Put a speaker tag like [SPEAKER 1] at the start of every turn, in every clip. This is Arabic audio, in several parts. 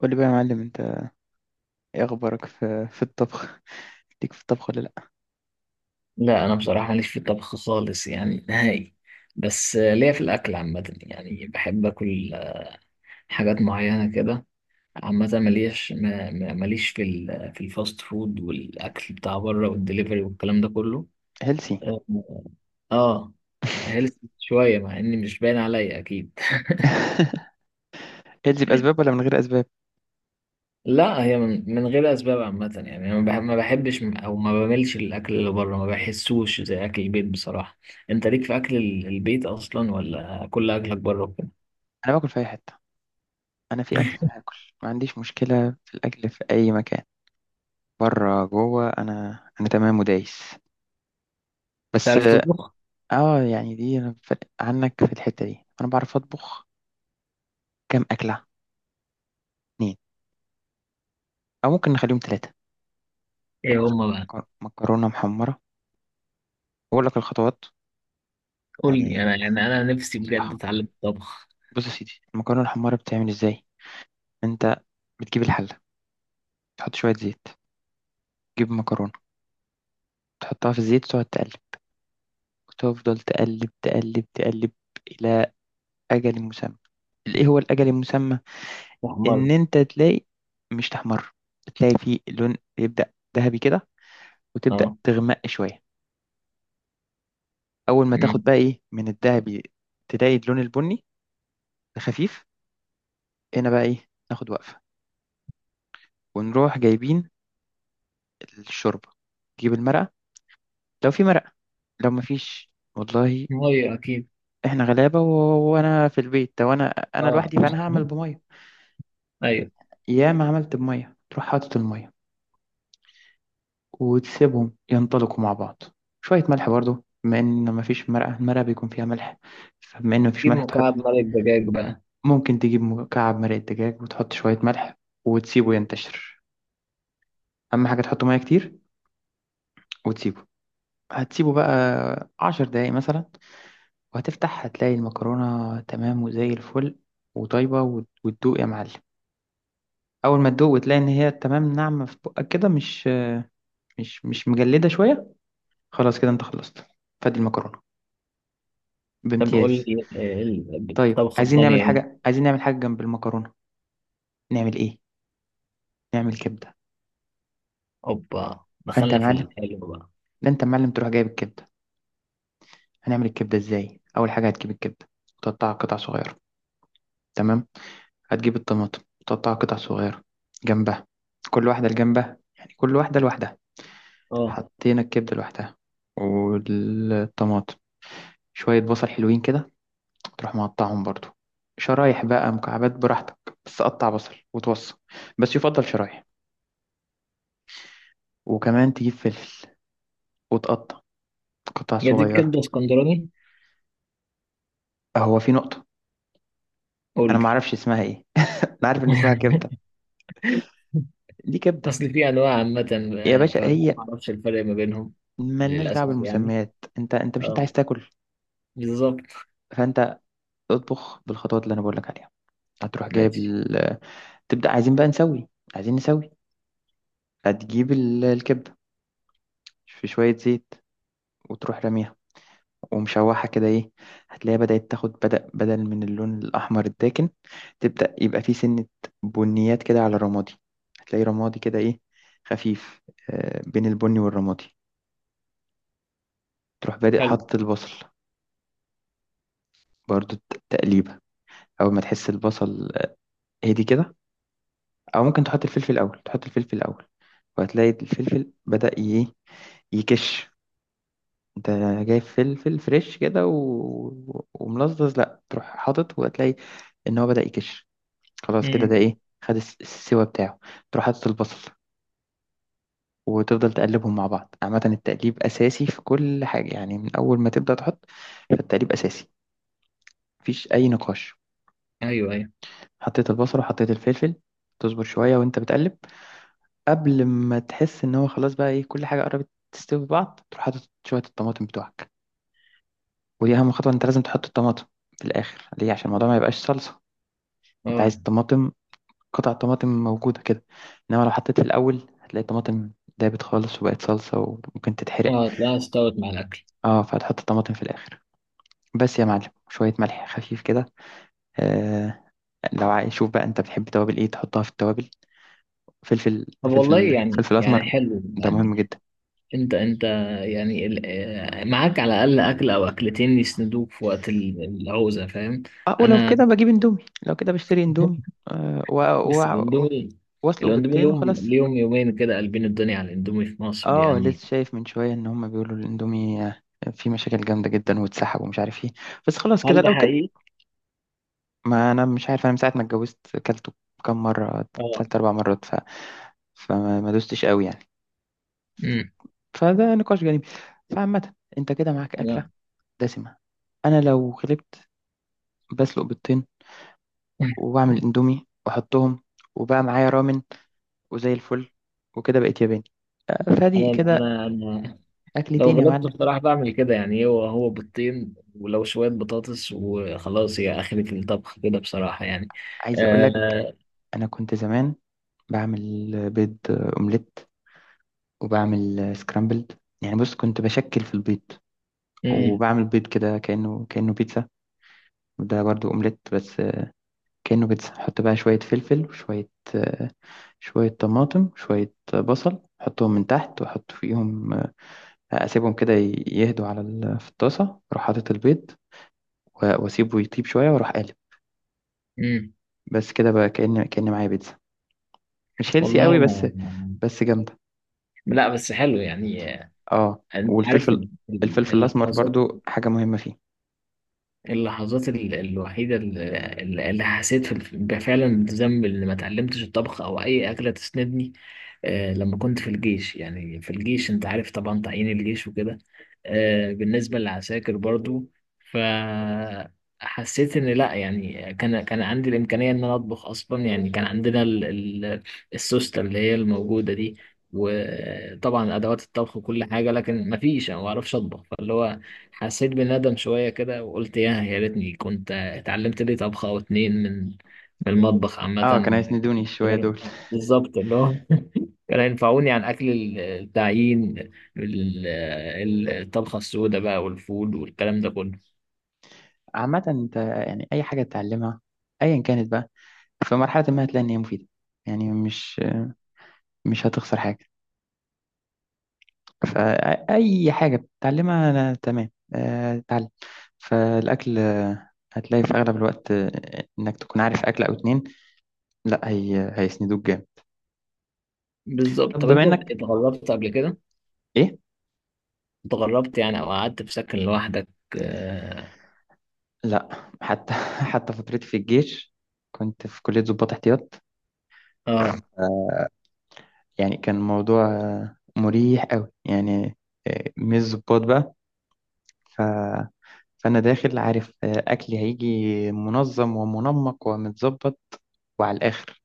[SPEAKER 1] قول لي بقى يا معلم انت، ايه اخبارك في الطبخ؟ ليك في الطبخ ولا لا؟
[SPEAKER 2] لا، انا بصراحه ماليش في الطبخ خالص يعني نهائي. بس ليا في الاكل عامه يعني، بحب اكل حاجات معينه كده. عامه ماليش ماليش في في الفاست فود والاكل بتاع بره والدليفري والكلام ده كله.
[SPEAKER 1] هيلسي.
[SPEAKER 2] اه. آه، هيلث شويه مع اني مش باين عليا اكيد.
[SPEAKER 1] هيلسي باسباب ولا من غير اسباب؟
[SPEAKER 2] لا، هي من غير اسباب عامه يعني، انا ما بحبش او ما بملش الاكل اللي بره، ما بحسوش زي اكل البيت بصراحه. انت ليك في اكل البيت اصلا ولا كل اكلك بره وكده؟
[SPEAKER 1] انا باكل في اي حته. انا في اكل هاكل. ما عنديش مشكله في الاكل في اي مكان، بره جوه انا. انا تمام ودايس بس.
[SPEAKER 2] تعرف تطبخ؟
[SPEAKER 1] اه يعني دي انا عنك في الحته دي انا بعرف اطبخ كام اكله. اتنين، او ممكن نخليهم ثلاثه.
[SPEAKER 2] ايه هما بقى؟
[SPEAKER 1] مكرونه محمره، بقول لك الخطوات.
[SPEAKER 2] قول لي
[SPEAKER 1] يعني
[SPEAKER 2] انا، يعني انا نفسي بجد
[SPEAKER 1] نصيحه.
[SPEAKER 2] اتعلم الطبخ.
[SPEAKER 1] بص يا سيدي، المكرونه المحمره بتعمل ازاي؟ انت بتجيب الحله، تحط شويه زيت، تجيب مكرونة، تحطها في الزيت وتقعد تقلب، وتفضل تقلب إلى أجل مسمى. إيه هو الأجل المسمى؟
[SPEAKER 2] احمر.
[SPEAKER 1] إن أنت تلاقي، مش تحمر، تلاقي فيه لون يبدأ ذهبي كده وتبدأ
[SPEAKER 2] اه.
[SPEAKER 1] تغمق شوية. أول ما تاخد
[SPEAKER 2] أمم.
[SPEAKER 1] بقى إيه من الذهبي، تلاقي اللون البني خفيف. هنا بقى إيه ناخد وقفة، ونروح جايبين الشوربة. تجيب المرقة، لو في مرقة. لو مفيش، والله
[SPEAKER 2] ميه اكيد.
[SPEAKER 1] إحنا غلابة، وأنا في البيت، وأنا أنا
[SPEAKER 2] اه.
[SPEAKER 1] لوحدي، فأنا هعمل بمية.
[SPEAKER 2] ايول.
[SPEAKER 1] ياما عملت بمية. تروح حاطط المية وتسيبهم ينطلقوا مع بعض. شوية ملح برضو، بما إن مفيش مرقة، المرقة بيكون فيها ملح، فبما إن مفيش
[SPEAKER 2] جيب
[SPEAKER 1] ملح تحط.
[SPEAKER 2] مكعب مرق دجاج بقى.
[SPEAKER 1] ممكن تجيب مكعب مرقة دجاج وتحط شوية ملح، وتسيبه ينتشر. أهم حاجة تحط مية كتير وتسيبه. هتسيبه بقى 10 دقايق مثلا، وهتفتح هتلاقي المكرونة تمام وزي الفل وطيبة، وتدوق يا معلم. أول ما تدوق وتلاقي إن هي تمام، ناعمة في بقك كده، مش مش مجلدة شوية، خلاص كده أنت خلصت. فادي المكرونة
[SPEAKER 2] طب قول
[SPEAKER 1] بامتياز.
[SPEAKER 2] لي إيه
[SPEAKER 1] طيب
[SPEAKER 2] الطبخه
[SPEAKER 1] عايزين نعمل
[SPEAKER 2] الثانيه ايه؟
[SPEAKER 1] حاجة، جنب المكرونة نعمل إيه؟ نعمل كبدة.
[SPEAKER 2] اوبا،
[SPEAKER 1] فأنت يا
[SPEAKER 2] دخلنا في
[SPEAKER 1] معلم،
[SPEAKER 2] الحلو بقى.
[SPEAKER 1] لا أنت يا معلم تروح جايب الكبدة. هنعمل الكبدة إزاي؟ أول حاجة هتجيب الكبدة وتقطعها قطع صغيرة، تمام؟ هتجيب الطماطم وتقطعها قطع صغيرة جنبها. كل واحدة لجنبها، يعني كل واحدة لوحدها.
[SPEAKER 2] اه.
[SPEAKER 1] حطينا الكبدة لوحدها، والطماطم. شوية بصل حلوين كده تروح مقطعهم برضو، شرايح بقى مكعبات براحتك، بس قطع بصل وتوصل، بس يفضل شرايح. وكمان تجيب فلفل وتقطع قطع
[SPEAKER 2] جديد،
[SPEAKER 1] صغيرة.
[SPEAKER 2] كبده اسكندراني.
[SPEAKER 1] هو في نقطة،
[SPEAKER 2] قول
[SPEAKER 1] أنا ما
[SPEAKER 2] لي.
[SPEAKER 1] أعرفش اسمها إيه. أنا عارف إن اسمها كبدة. دي كبدة.
[SPEAKER 2] اصل في انواع عامه،
[SPEAKER 1] يا باشا،
[SPEAKER 2] فما
[SPEAKER 1] هي
[SPEAKER 2] اعرفش الفرق ما بينهم.
[SPEAKER 1] ملناش دعوة
[SPEAKER 2] للاسف يعني.
[SPEAKER 1] بالمسميات، أنت مش أنت
[SPEAKER 2] اه.
[SPEAKER 1] عايز تاكل؟
[SPEAKER 2] بالظبط.
[SPEAKER 1] فأنت اطبخ بالخطوات اللي أنا بقول لك عليها. هتروح جايب
[SPEAKER 2] ماشي.
[SPEAKER 1] ال... تبدأ عايزين بقى نسوي، عايزين نسوي. هتجيب الكبدة في شوية زيت، وتروح راميها ومشوحة كده إيه. هتلاقيها بدأت تاخد، بدأ بدل من اللون الأحمر الداكن تبدأ يبقى فيه سنة بنيات كده على الرمادي. هتلاقي رمادي كده إيه، خفيف، بين البني والرمادي. تروح بادئ
[SPEAKER 2] حلو.
[SPEAKER 1] حط البصل، برضو تقليبة. أول ما تحس البصل هدي كده. أو ممكن تحط الفلفل الأول، تحط الفلفل الأول، وهتلاقي الفلفل بدأ ي- إيه، يكش. انت جايب فلفل فريش كده وملزز، لا تروح حاطط، وهتلاقي ان هو بدأ يكش. خلاص كده ده
[SPEAKER 2] امم.
[SPEAKER 1] ايه، خد السوا بتاعه. تروح حاطط البصل وتفضل تقلبهم مع بعض. عامة التقليب أساسي في كل حاجة، يعني من أول ما تبدأ تحط فالتقليب أساسي، مفيش أي نقاش.
[SPEAKER 2] ايوه، ايوه.
[SPEAKER 1] حطيت البصل وحطيت الفلفل، تصبر شوية وأنت بتقلب. قبل ما تحس إن هو خلاص بقى إيه، كل حاجة قربت تستوي في بعض، تروح حاطط شوية الطماطم بتوعك. ودي أهم خطوة، أنت لازم تحط الطماطم في الآخر. ليه؟ عشان الموضوع ما يبقاش صلصة. أنت
[SPEAKER 2] اه،
[SPEAKER 1] عايز الطماطم قطع طماطم موجودة كده، إنما لو حطيت في الأول، هتلاقي الطماطم دابت خالص وبقت صلصة وممكن تتحرق.
[SPEAKER 2] اه، تلاقيها استوت مع الاكل.
[SPEAKER 1] اه، فهتحط الطماطم في الآخر. بس يا معلم شوية ملح خفيف كده. آه، لو عايز شوف بقى أنت بتحب توابل إيه تحطها، في التوابل فلفل،
[SPEAKER 2] طب والله
[SPEAKER 1] فلفل
[SPEAKER 2] يعني
[SPEAKER 1] فلفل
[SPEAKER 2] يعني
[SPEAKER 1] أسمر.
[SPEAKER 2] حلو
[SPEAKER 1] ده
[SPEAKER 2] يعني.
[SPEAKER 1] مهم جدا.
[SPEAKER 2] انت يعني، معاك على الاقل اكل او اكلتين يسندوك في وقت العوزه، فاهم؟
[SPEAKER 1] اه، ولو
[SPEAKER 2] انا.
[SPEAKER 1] كده بجيب اندومي، لو كده بشتري اندومي. آه و...
[SPEAKER 2] بس
[SPEAKER 1] و...
[SPEAKER 2] الاندومي.
[SPEAKER 1] واسلق
[SPEAKER 2] الاندومي
[SPEAKER 1] بيضتين
[SPEAKER 2] لهم
[SPEAKER 1] وخلاص.
[SPEAKER 2] ليهم يومين كده، قلبين الدنيا على الاندومي في مصر
[SPEAKER 1] اه،
[SPEAKER 2] يعني.
[SPEAKER 1] لسه شايف من شوية إن هما بيقولوا الاندومي فيه مشاكل جامدة جدا واتسحب ومش عارف ايه، بس خلاص
[SPEAKER 2] هل
[SPEAKER 1] كده
[SPEAKER 2] ده
[SPEAKER 1] لو كده.
[SPEAKER 2] حقيقي؟
[SPEAKER 1] ما انا مش عارف، انا من ساعه ما اتجوزت اكلته كم مره.
[SPEAKER 2] اه.
[SPEAKER 1] 3 4 مرات فما ما دوستش قوي يعني.
[SPEAKER 2] امم.
[SPEAKER 1] فده نقاش جانبي. فعامه انت كده معاك اكله
[SPEAKER 2] انا.
[SPEAKER 1] دسمه. انا لو غلبت بسلق بيضتين وبعمل اندومي واحطهم، وبقى معايا رامن وزي الفل، وكده بقيت ياباني. فادي
[SPEAKER 2] انا
[SPEAKER 1] كده،
[SPEAKER 2] انا لو
[SPEAKER 1] اكلتين يا
[SPEAKER 2] غلبت
[SPEAKER 1] معلم.
[SPEAKER 2] بصراحه بعمل كده يعني، هو بيضتين ولو شويه بطاطس وخلاص. هي اخرة الطبخ كده بصراحه يعني.
[SPEAKER 1] عايز اقول لك،
[SPEAKER 2] آه
[SPEAKER 1] انا كنت زمان بعمل بيض اومليت، وبعمل سكرامبلد. يعني بص كنت بشكل في البيض،
[SPEAKER 2] امم،
[SPEAKER 1] وبعمل بيض كده كانه بيتزا. ده برضو اومليت بس كأنه بيتزا. حط بقى شوية فلفل وشوية آه، شوية طماطم، شوية بصل، حطهم من تحت وأحط فيهم أسيبهم كده يهدوا على في الطاسة، أروح حاطط البيض وأسيبه يطيب شوية وأروح قالب.
[SPEAKER 2] امم.
[SPEAKER 1] بس كده بقى، كأن معايا بيتزا. مش هيلسي
[SPEAKER 2] والله
[SPEAKER 1] قوي بس،
[SPEAKER 2] انا
[SPEAKER 1] بس جامدة.
[SPEAKER 2] لا، بس حلو يعني.
[SPEAKER 1] اه،
[SPEAKER 2] انت عارف
[SPEAKER 1] والفلفل، الفلفل الأسمر
[SPEAKER 2] اللحظات،
[SPEAKER 1] برضو حاجة مهمة فيه.
[SPEAKER 2] اللحظات الوحيدة اللي حسيت فعلا بذنب إن ما اتعلمتش الطبخ أو أي أكلة تسندني. لما كنت في الجيش يعني، في الجيش أنت عارف طبعا تعيين الجيش وكده، بالنسبة للعساكر برضو. فحسيت إن لأ، يعني كان عندي الإمكانية إن أنا أطبخ أصلا، يعني كان عندنا السوستة اللي هي الموجودة دي، وطبعا أدوات الطبخ وكل حاجة، لكن مفيش. أنا ما بعرفش أطبخ، فاللي هو حسيت بالندم شوية كده وقلت يا ريتني كنت اتعلمت لي طبخة أو اتنين من المطبخ عامة.
[SPEAKER 1] اه كانوا هيسندوني شوية دول.
[SPEAKER 2] بالظبط، اللي هو كانوا ينفعوني عن أكل التعيين، الطبخة السوداء بقى والفول والكلام ده كله.
[SPEAKER 1] عامة انت يعني أي حاجة تتعلمها أيا كانت بقى، في مرحلة ما هتلاقي إن هي مفيدة. يعني مش هتخسر حاجة. فأي حاجة بتتعلمها أنا تمام، اتعلم. فالأكل هتلاقي في أغلب الوقت إنك تكون عارف أكل أو اتنين، لا هي هيسندوك جامد.
[SPEAKER 2] بالظبط.
[SPEAKER 1] طب
[SPEAKER 2] طب
[SPEAKER 1] بما
[SPEAKER 2] أنت
[SPEAKER 1] إنك...
[SPEAKER 2] اتغربت قبل كده؟
[SPEAKER 1] إيه؟
[SPEAKER 2] اتغربت يعني، أو قعدت في سكن لوحدك؟ آه،
[SPEAKER 1] لا حتى حتى فترتي في الجيش كنت في كلية ضباط احتياط.
[SPEAKER 2] آه.
[SPEAKER 1] يعني كان الموضوع مريح أوي يعني، مش ضباط بقى. فأنا داخل عارف أكلي هيجي منظم ومنمق ومتظبط وعلى الآخر.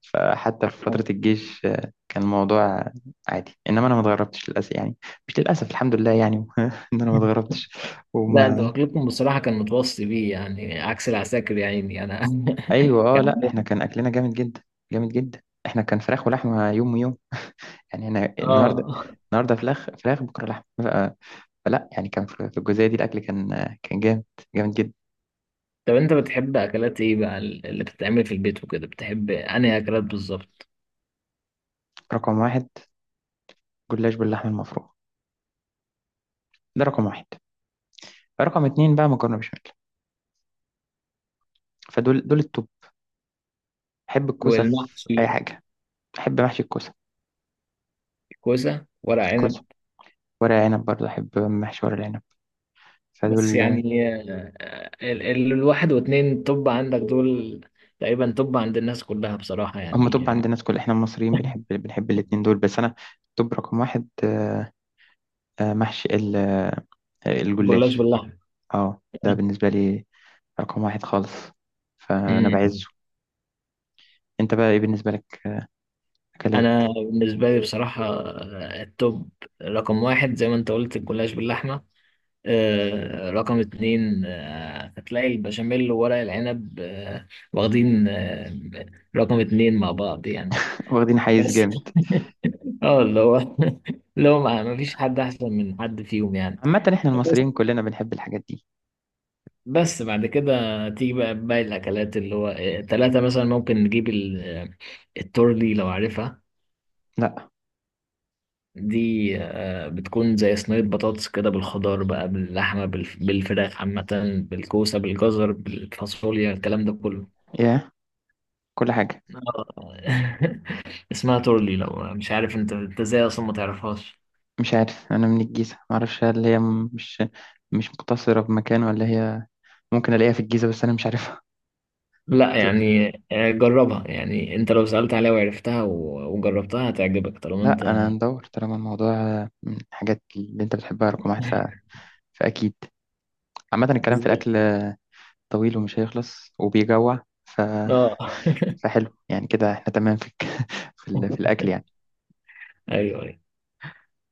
[SPEAKER 1] فحتى في فترة الجيش كان الموضوع عادي. إنما أنا ما اتغربتش للأسف يعني، مش للأسف، الحمد لله يعني إن أنا ما اتغربتش.
[SPEAKER 2] لا، أنت
[SPEAKER 1] وما...
[SPEAKER 2] أكلكم بصراحة كان متوصي بيه يعني، عكس العساكر يا عيني أنا.
[SPEAKER 1] أيوة. أه
[SPEAKER 2] كان
[SPEAKER 1] لأ، إحنا
[SPEAKER 2] عندنا-
[SPEAKER 1] كان أكلنا جامد جدا، جامد جدا. إحنا كان فراخ ولحمة، يوم ويوم يعني. أنا النهاردة،
[SPEAKER 2] اه.
[SPEAKER 1] النهاردة فراخ، فراخ بكرة لحمة فلا يعني. كان في الجزئية دي الأكل كان كان جامد، جامد جدا.
[SPEAKER 2] طب انت بتحب اكلات ايه بقى، اللي بتتعمل في البيت وكده؟ بتحب انهي اكلات بالظبط؟
[SPEAKER 1] رقم واحد جلاش باللحمة المفرومة، ده رقم واحد. رقم اتنين بقى مكرونه بشاميل. فدول دول التوب. بحب الكوسه في
[SPEAKER 2] والمحشي.
[SPEAKER 1] اي حاجه، بحب محشي الكوسه.
[SPEAKER 2] كوسه، ورق عنب.
[SPEAKER 1] كوسه، ورق عنب. برضه احب محشي ورق العنب.
[SPEAKER 2] بس
[SPEAKER 1] فدول
[SPEAKER 2] يعني، الواحد واتنين، طب عندك دول تقريبا، طب عند الناس كلها بصراحه
[SPEAKER 1] هم
[SPEAKER 2] يعني.
[SPEAKER 1] توب عند الناس، كل احنا المصريين بنحب، الاتنين دول. بس انا توب رقم واحد، محشي
[SPEAKER 2] جلاش
[SPEAKER 1] الجلاش.
[SPEAKER 2] باللحمه.
[SPEAKER 1] اه، ده بالنسبه لي رقم واحد خالص، فانا
[SPEAKER 2] أمم.
[SPEAKER 1] بعزه. انت بقى ايه بالنسبه لك اكلات؟
[SPEAKER 2] انا بالنسبه لي بصراحه، التوب رقم واحد زي ما انت قلت، الجلاش باللحمه، رقم اتنين. هتلاقي البشاميل وورق العنب، واخدين، رقم اتنين مع بعض يعني.
[SPEAKER 1] واخدين حيز
[SPEAKER 2] بس.
[SPEAKER 1] جامد.
[SPEAKER 2] اه، اللي هو، اللي هو ما فيش حد احسن من حد فيهم يعني.
[SPEAKER 1] عامه احنا
[SPEAKER 2] بس
[SPEAKER 1] المصريين كلنا بنحب الحاجات دي.
[SPEAKER 2] بس بعد كده تيجي بقى باقي الاكلات، اللي هو تلاتة مثلا، ممكن نجيب التورلي، لو عارفها.
[SPEAKER 1] لا
[SPEAKER 2] دي بتكون زي صينية بطاطس كده، بالخضار بقى، باللحمة، بالفراخ عامة، بالكوسة، بالجزر، بالفاصوليا، الكلام ده كله.
[SPEAKER 1] يا، كل حاجه.
[SPEAKER 2] آه. اسمها تورلي، لو مش عارف. انت ازاي اصلا ما تعرفهاش؟
[SPEAKER 1] مش عارف، انا من الجيزه ما اعرفش هل هي مش، مش مقتصره بمكان، ولا هي ممكن الاقيها في الجيزه بس انا مش عارفها.
[SPEAKER 2] لا
[SPEAKER 1] تقول لي،
[SPEAKER 2] يعني، جربها يعني. انت لو سألت عليها وعرفتها وجربتها هتعجبك، طالما انت.
[SPEAKER 1] لا انا ندور طالما الموضوع من الحاجات اللي انت بتحبها رقم واحد فاكيد. عامه الكلام في
[SPEAKER 2] بالظبط.
[SPEAKER 1] الاكل طويل ومش هيخلص وبيجوع
[SPEAKER 2] اه.
[SPEAKER 1] فحلو يعني. كده احنا تمام في في, ال... في الاكل يعني.
[SPEAKER 2] ايوه.